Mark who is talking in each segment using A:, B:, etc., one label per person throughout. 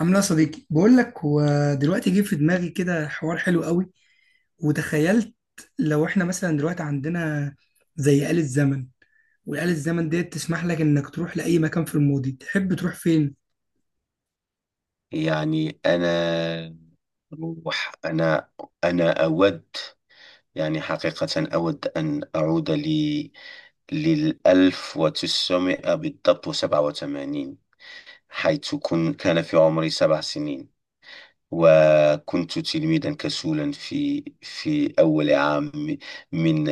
A: عامل ايه يا صديقي؟ بقول لك، هو دلوقتي جه في دماغي كده حوار حلو قوي، وتخيلت لو احنا مثلا دلوقتي عندنا زي آلة زمن، والآلة الزمن ديت تسمح لك انك تروح لأي مكان في الماضي. تحب تروح فين؟
B: يعني روح أنا أنا أود، يعني حقيقة، أود أن أعود للألف وتسعمائة بالضبط وسبعة وثمانين، حيث كان في عمري 7 سنين، وكنت تلميذا كسولا في أول عام من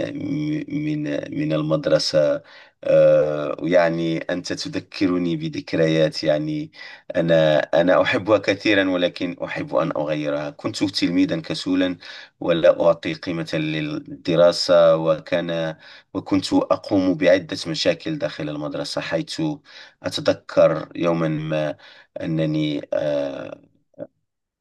B: من من المدرسة. يعني أنت تذكرني بذكريات. يعني أنا أحبها كثيرا، ولكن أحب أن أغيرها. كنت تلميذا كسولا ولا أعطي قيمة للدراسة، وكنت أقوم بعدة مشاكل داخل المدرسة، حيث أتذكر يوما ما أنني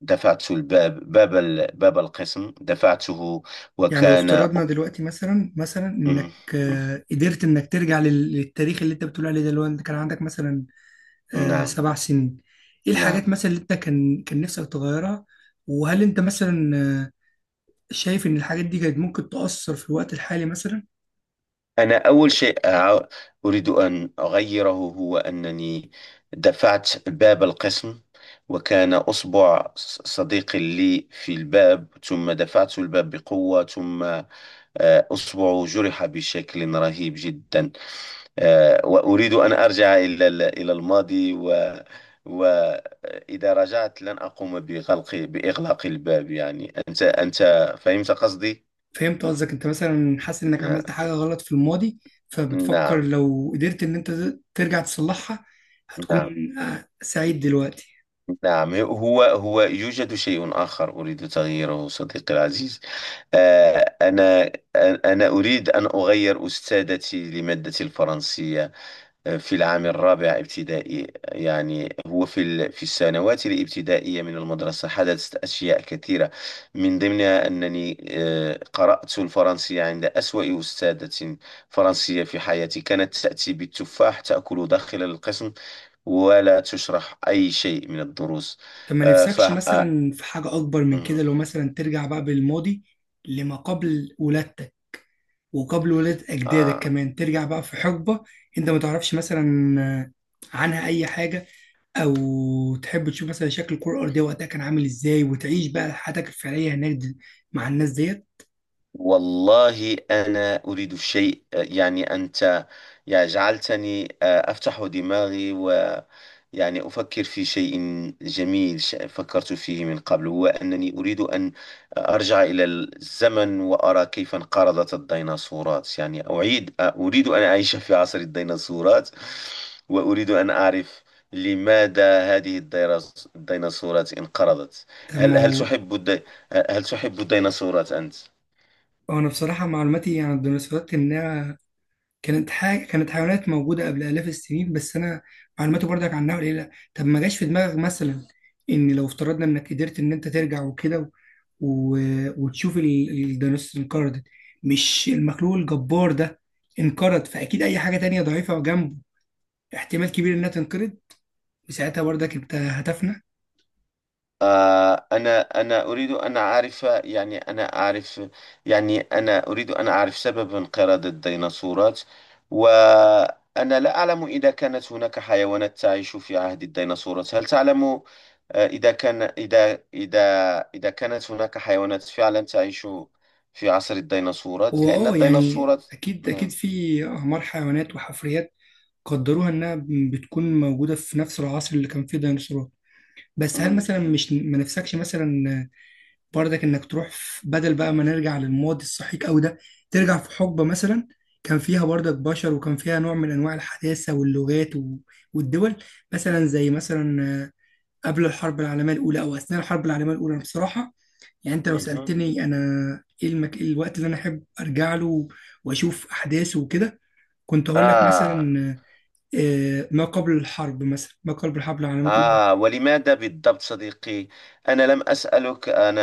B: دفعت باب القسم، دفعته
A: يعني لو
B: وكان.
A: افترضنا دلوقتي مثلا
B: مم.
A: انك قدرت انك ترجع للتاريخ اللي انت بتقول عليه ده، اللي هو انت كان عندك مثلا
B: نعم.
A: 7 سنين. ايه الحاجات
B: نعم،
A: مثلا اللي انت كان نفسك تغيرها؟ وهل انت مثلا شايف ان الحاجات دي كانت ممكن تأثر في الوقت الحالي مثلا؟
B: أنا أول شيء أريد أن أغيره هو أنني دفعت باب القسم، وكان أصبع صديق لي في الباب، ثم دفعت الباب بقوة، ثم أصبعه جرح بشكل رهيب جدا. وأريد أن أرجع إلى الماضي، وإذا رجعت لن أقوم بإغلاق الباب. يعني أنت، فهمت قصدي؟
A: فهمت قصدك، انت مثلا حاسس انك
B: ن-
A: عملت حاجة غلط في الماضي، فبتفكر
B: نعم.
A: لو قدرت ان انت ترجع تصلحها
B: نعم.
A: هتكون سعيد دلوقتي؟
B: نعم، هو يوجد شيء آخر أريد تغييره، صديقي العزيز. آه، أنا أنا أريد أن أغير أستاذتي لمادة الفرنسية في العام الرابع ابتدائي. يعني هو في السنوات الابتدائية من المدرسة حدثت أشياء كثيرة، من ضمنها أنني قرأت الفرنسية عند أسوأ أستاذة فرنسية في حياتي. كانت تأتي بالتفاح تأكل داخل القسم، ولا تشرح أي شيء من الدروس.
A: طب ما
B: آه، ف
A: نفسكش
B: آه،
A: مثلا في حاجة اكبر من
B: مم،
A: كده؟ لو مثلا ترجع بقى بالماضي لما قبل ولادتك وقبل ولادة اجدادك
B: آه،
A: كمان، ترجع بقى في حقبة انت ما تعرفش مثلا عنها اي حاجة، او تحب تشوف مثلا شكل الكرة الارضية وقتها كان عامل ازاي، وتعيش بقى حياتك الفعلية هناك مع الناس ديت.
B: والله أنا أريد الشيء، يعني أنت، يعني، جعلتني أفتح دماغي، ويعني أفكر في شيء جميل فكرت فيه من قبل، هو أنني أريد أن أرجع إلى الزمن، وأرى كيف انقرضت الديناصورات. يعني أعيد آه، أريد أن أعيش في عصر الديناصورات، وأريد أن أعرف لماذا هذه الديناصورات انقرضت.
A: طب ما
B: هل هل
A: هو؟
B: تحب الدي... هل تحب الديناصورات أنت؟
A: وانا بصراحه معلوماتي عن الديناصورات انها كانت حيوانات موجوده قبل الاف السنين، بس انا معلوماتي برضك عنها قليله. طب ما جاش في دماغك مثلا ان لو افترضنا انك قدرت ان انت ترجع وكده و... وتشوف الديناصور انقرضت؟ مش المخلوق الجبار ده انقرض، فاكيد اي حاجه تانية ضعيفه جنبه احتمال كبير انها تنقرض، وساعتها برضك انت هتفنى.
B: أنا أريد أن أعرف. يعني أنا أعرف، يعني أنا أريد أن أعرف سبب انقراض الديناصورات، وأنا لا أعلم إذا كانت هناك حيوانات تعيش في عهد الديناصورات. هل تعلم آه، إذا كان إذا إذا إذا كانت هناك حيوانات فعلا تعيش في عصر الديناصورات؟ لأن
A: هو يعني
B: الديناصورات.
A: اكيد اكيد
B: نعم.
A: في اعمار حيوانات وحفريات قدروها انها بتكون موجوده في نفس العصر اللي كان فيه ديناصورات. بس هل مثلا
B: مم.
A: مش ما نفسكش مثلا برضك انك تروح بدل بقى ما نرجع للماضي السحيق قوي ده، ترجع في حقبه مثلا كان فيها برضك بشر وكان فيها نوع من انواع الحداثه واللغات والدول، مثلا زي مثلا قبل الحرب العالميه الاولى او اثناء الحرب العالميه الاولى؟ أنا بصراحه يعني انت لو
B: مهم.
A: سالتني انا إيه الوقت اللي انا احب ارجع له واشوف احداثه وكده، كنت هقول لك
B: آه
A: مثلا ما قبل الحرب العالمية الأولى.
B: ولماذا بالضبط، صديقي؟ أنا لم أسألك. أنا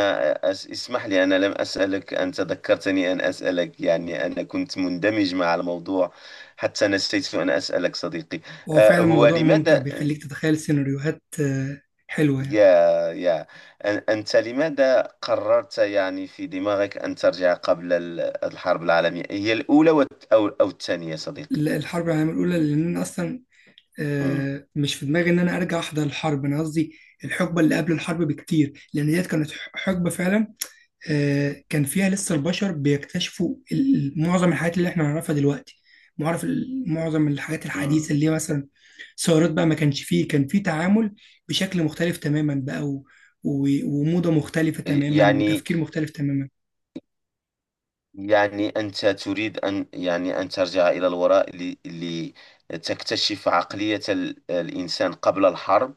B: أس اسمح لي، أنا لم أسألك، أنت ذكرتني أن أسألك، يعني أنا كنت مندمج مع الموضوع حتى نسيت أن أسألك، صديقي.
A: وهو فعلا
B: هو
A: موضوع ممتع
B: لماذا،
A: بيخليك تتخيل سيناريوهات حلوة يعني.
B: يا يا أنت لماذا قررت يعني في دماغك أن ترجع قبل الحرب العالمية، الأولى أو الثانية، صديقي؟
A: الحرب العالمية الأولى، لأن أنا أصلا
B: مم.
A: مش في دماغي إن أنا أرجع أحضر الحرب. أنا قصدي الحقبة اللي قبل الحرب بكتير، لأن ديت كانت حقبة فعلا كان فيها لسه البشر بيكتشفوا معظم الحاجات اللي إحنا نعرفها دلوقتي، معرف معظم الحاجات الحديثة
B: مم.
A: اللي هي مثلا ثورات بقى. ما كانش فيه، كان فيه تعامل بشكل مختلف تماما بقى وموضة مختلفة تماما
B: يعني،
A: وتفكير مختلف تماما.
B: أنت تريد أن، يعني، أن ترجع إلى الوراء لتكتشف عقلية الإنسان قبل الحرب،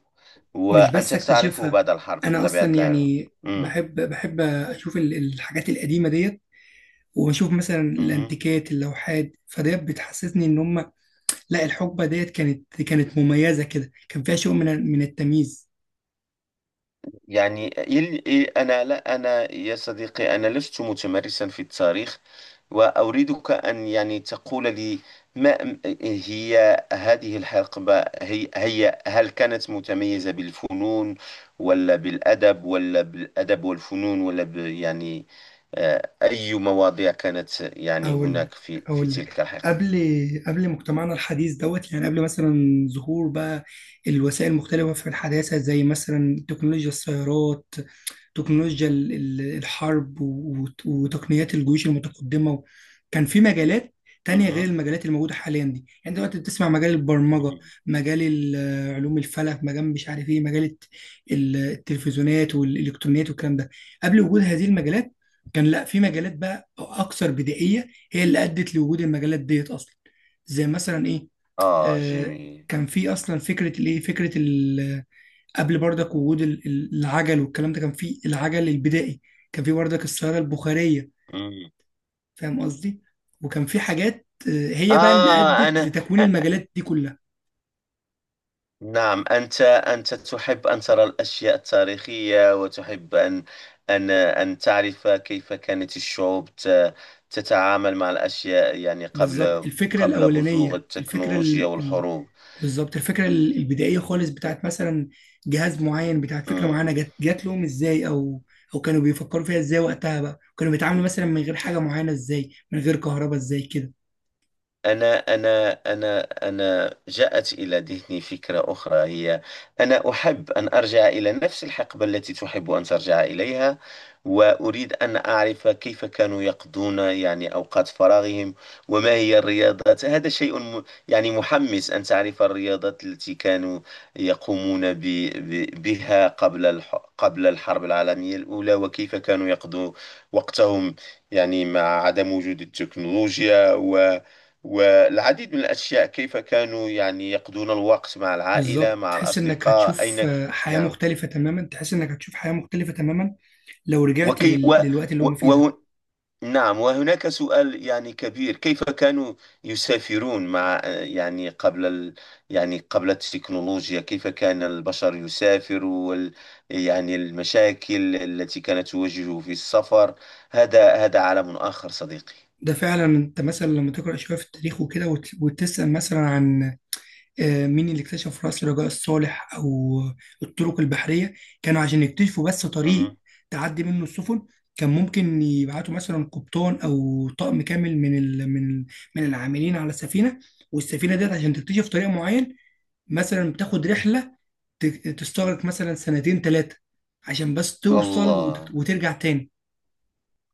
A: مش بس
B: وأنت تعرفه
A: اكتشفها،
B: بعد الحرب من
A: انا
B: طبيعة
A: اصلا
B: الحال.
A: يعني
B: مم.
A: بحب اشوف الحاجات القديمة ديت، وبشوف مثلا
B: مهم.
A: الانتيكات اللوحات فديت بتحسسني ان هم، لا الحقبة ديت كانت مميزة كده، كان فيها شيء من التمييز.
B: يعني إل- إل- أنا لا أنا، يا صديقي، أنا لست متمرسا في التاريخ، وأريدك أن، يعني، تقول لي ما م- هي هذه الحقبة، هي, هي هل كانت متميزة بالفنون، ولا بالأدب، ولا بالأدب والفنون، ولا ب يعني آه، أي مواضيع كانت، يعني،
A: أقول لك
B: هناك في
A: أقول لك
B: تلك الحقبة؟
A: قبل قبل مجتمعنا الحديث دوت، يعني قبل مثلا ظهور بقى الوسائل المختلفة في الحداثة، زي مثلا تكنولوجيا السيارات، تكنولوجيا الحرب وتقنيات الجيوش المتقدمة. كان في مجالات تانية غير
B: مهم.
A: المجالات الموجودة حاليا دي، يعني دلوقتي بتسمع مجال البرمجة،
B: مم.
A: مجال علوم الفلك، مجال مش عارف ايه، مجال التلفزيونات والإلكترونيات والكلام ده. قبل وجود هذه المجالات كان لا في مجالات بقى أكثر بدائية هي اللي أدت لوجود المجالات ديت أصلا، زي مثلا ايه؟ آه
B: جميل.
A: كان في أصلا فكرة الايه، فكرة قبل برضك وجود العجل والكلام ده، كان في العجل البدائي، كان في برضك الصيادة البخارية.
B: مم.
A: فاهم قصدي؟ وكان في حاجات هي بقى اللي
B: آه
A: أدت
B: أنا
A: لتكوين المجالات دي كلها.
B: نعم. أنت تحب أن ترى الأشياء التاريخية، وتحب أن أن تعرف كيف كانت الشعوب تتعامل مع الأشياء، يعني،
A: بالظبط الفكرة
B: قبل بزوغ
A: الأولانية،
B: التكنولوجيا والحروب.
A: بالظبط الفكرة البدائية خالص بتاعت مثلا جهاز معين، بتاعت فكرة
B: مم.
A: معينة، جات لهم ازاي، أو كانوا بيفكروا فيها ازاي وقتها بقى، كانوا بيتعاملوا مثلا من غير حاجة معينة ازاي، من غير كهرباء ازاي كده.
B: أنا أنا أنا أنا جاءت إلى ذهني فكرة أخرى، هي أنا أحب أن أرجع إلى نفس الحقبة التي تحب أن ترجع إليها، وأريد أن أعرف كيف كانوا يقضون، يعني، أوقات فراغهم، وما هي الرياضات. هذا شيء يعني محمس، أن تعرف الرياضات التي كانوا يقومون ب ب بها، قبل الحرب العالمية الأولى، وكيف كانوا يقضوا وقتهم، يعني مع عدم وجود التكنولوجيا والعديد من الأشياء. كيف كانوا، يعني، يقضون الوقت مع العائلة،
A: بالظبط،
B: مع
A: تحس انك
B: الأصدقاء،
A: هتشوف حياة
B: نعم.
A: مختلفة تماما، تحس انك هتشوف حياة مختلفة تماما لو رجعت
B: وكي و...
A: للوقت اللي
B: و...
A: هم فيه ده.
B: وه... نعم. وهناك سؤال، يعني، كبير، كيف كانوا يسافرون يعني، قبل يعني قبل التكنولوجيا، كيف كان البشر يسافر يعني المشاكل التي كانت تواجهه في السفر، هذا عالم آخر، صديقي.
A: ده فعلا. انت مثلا لما تقرأ شوية في التاريخ وكده وتسأل مثلا عن مين اللي اكتشف رأس رجاء الصالح او الطرق البحرية، كانوا عشان يكتشفوا بس
B: مهم.
A: طريق تعدي منه السفن، كان ممكن يبعتوا مثلا قبطان او طقم كامل من العاملين على السفينة، والسفينة ديت عشان تكتشف طريق معين مثلا بتاخد رحلة تستغرق مثلا سنتين ثلاثة، عشان بس توصل
B: الله!
A: وترجع تاني.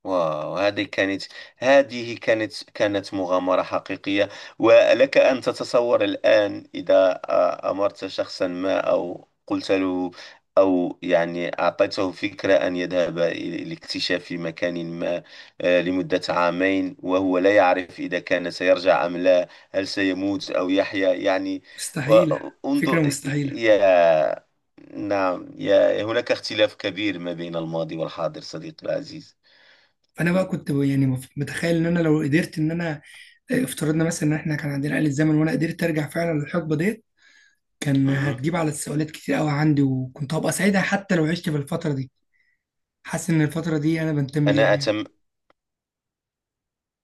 B: واو، هذه كانت، مغامرة حقيقية، ولك أن تتصور الآن، إذا أمرت شخصا ما أو قلت له، أو يعني، أعطيته فكرة أن يذهب لاكتشاف مكان ما، لمدة عامين، وهو لا يعرف إذا كان سيرجع أم لا، هل سيموت أو يحيا، يعني.
A: مستحيلة! فكرة
B: وانظر،
A: مستحيلة!
B: يا نعم. هناك اختلاف كبير ما بين الماضي والحاضر، صديقي العزيز.
A: فأنا بقى كنت يعني متخيل إن أنا لو قدرت إن أنا افترضنا مثلا إن إحنا كان عندنا آلة زمن وأنا قدرت أرجع فعلا للحقبة ديت، كان
B: مهم.
A: هتجيب على السؤالات كتير قوي عندي وكنت هبقى سعيدة، حتى لو عشت في الفترة دي، حاسس إن الفترة دي أنا بنتمي ليها
B: أنا
A: يعني.
B: أتم...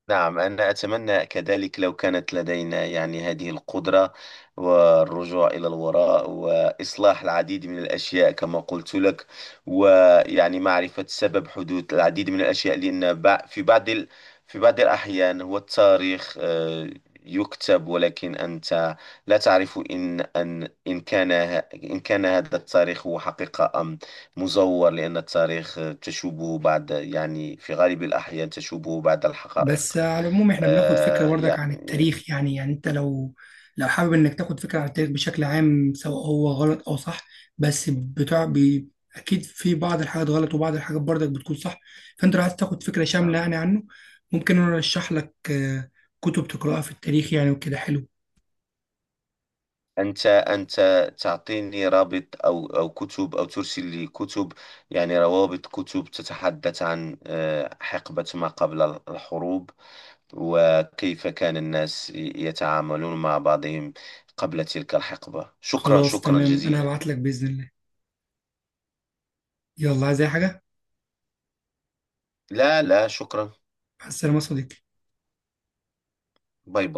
B: نعم، أنا أتمنى كذلك لو كانت لدينا، يعني، هذه القدرة، والرجوع إلى الوراء وإصلاح العديد من الأشياء كما قلت لك، ويعني معرفة سبب حدوث العديد من الأشياء. لأن في بعض في بعض الأحيان هو التاريخ يكتب، ولكن أنت لا تعرف إن أن إن كان ه- إن كان هذا التاريخ هو حقيقة أم مزور، لأن التاريخ تشوبه بعد، يعني، في غالب الأحيان تشوبه بعد
A: بس
B: الحقائق.
A: على العموم احنا بناخد فكرة برضك عن
B: يعني،
A: التاريخ، يعني انت لو حابب انك تاخد فكرة عن التاريخ بشكل عام سواء هو غلط او صح، بس بتاع بي اكيد في بعض الحاجات غلط وبعض الحاجات برضك بتكون صح. فانت لو عايز تاخد فكرة شاملة
B: نعم.
A: يعني عنه، ممكن انا ارشح لك كتب تقراها في التاريخ يعني وكده حلو.
B: أنت تعطيني رابط أو كتب، أو ترسل لي كتب، يعني روابط كتب تتحدث عن حقبة ما قبل الحروب، وكيف كان الناس يتعاملون مع بعضهم قبل تلك الحقبة. شكرا،
A: خلاص
B: شكرا
A: تمام، انا
B: جزيلا.
A: هبعت لك بإذن الله. يلا، عايز اي حاجة؟
B: لا، لا شكرا.
A: مع السلامة يا صديقي.
B: باي باي.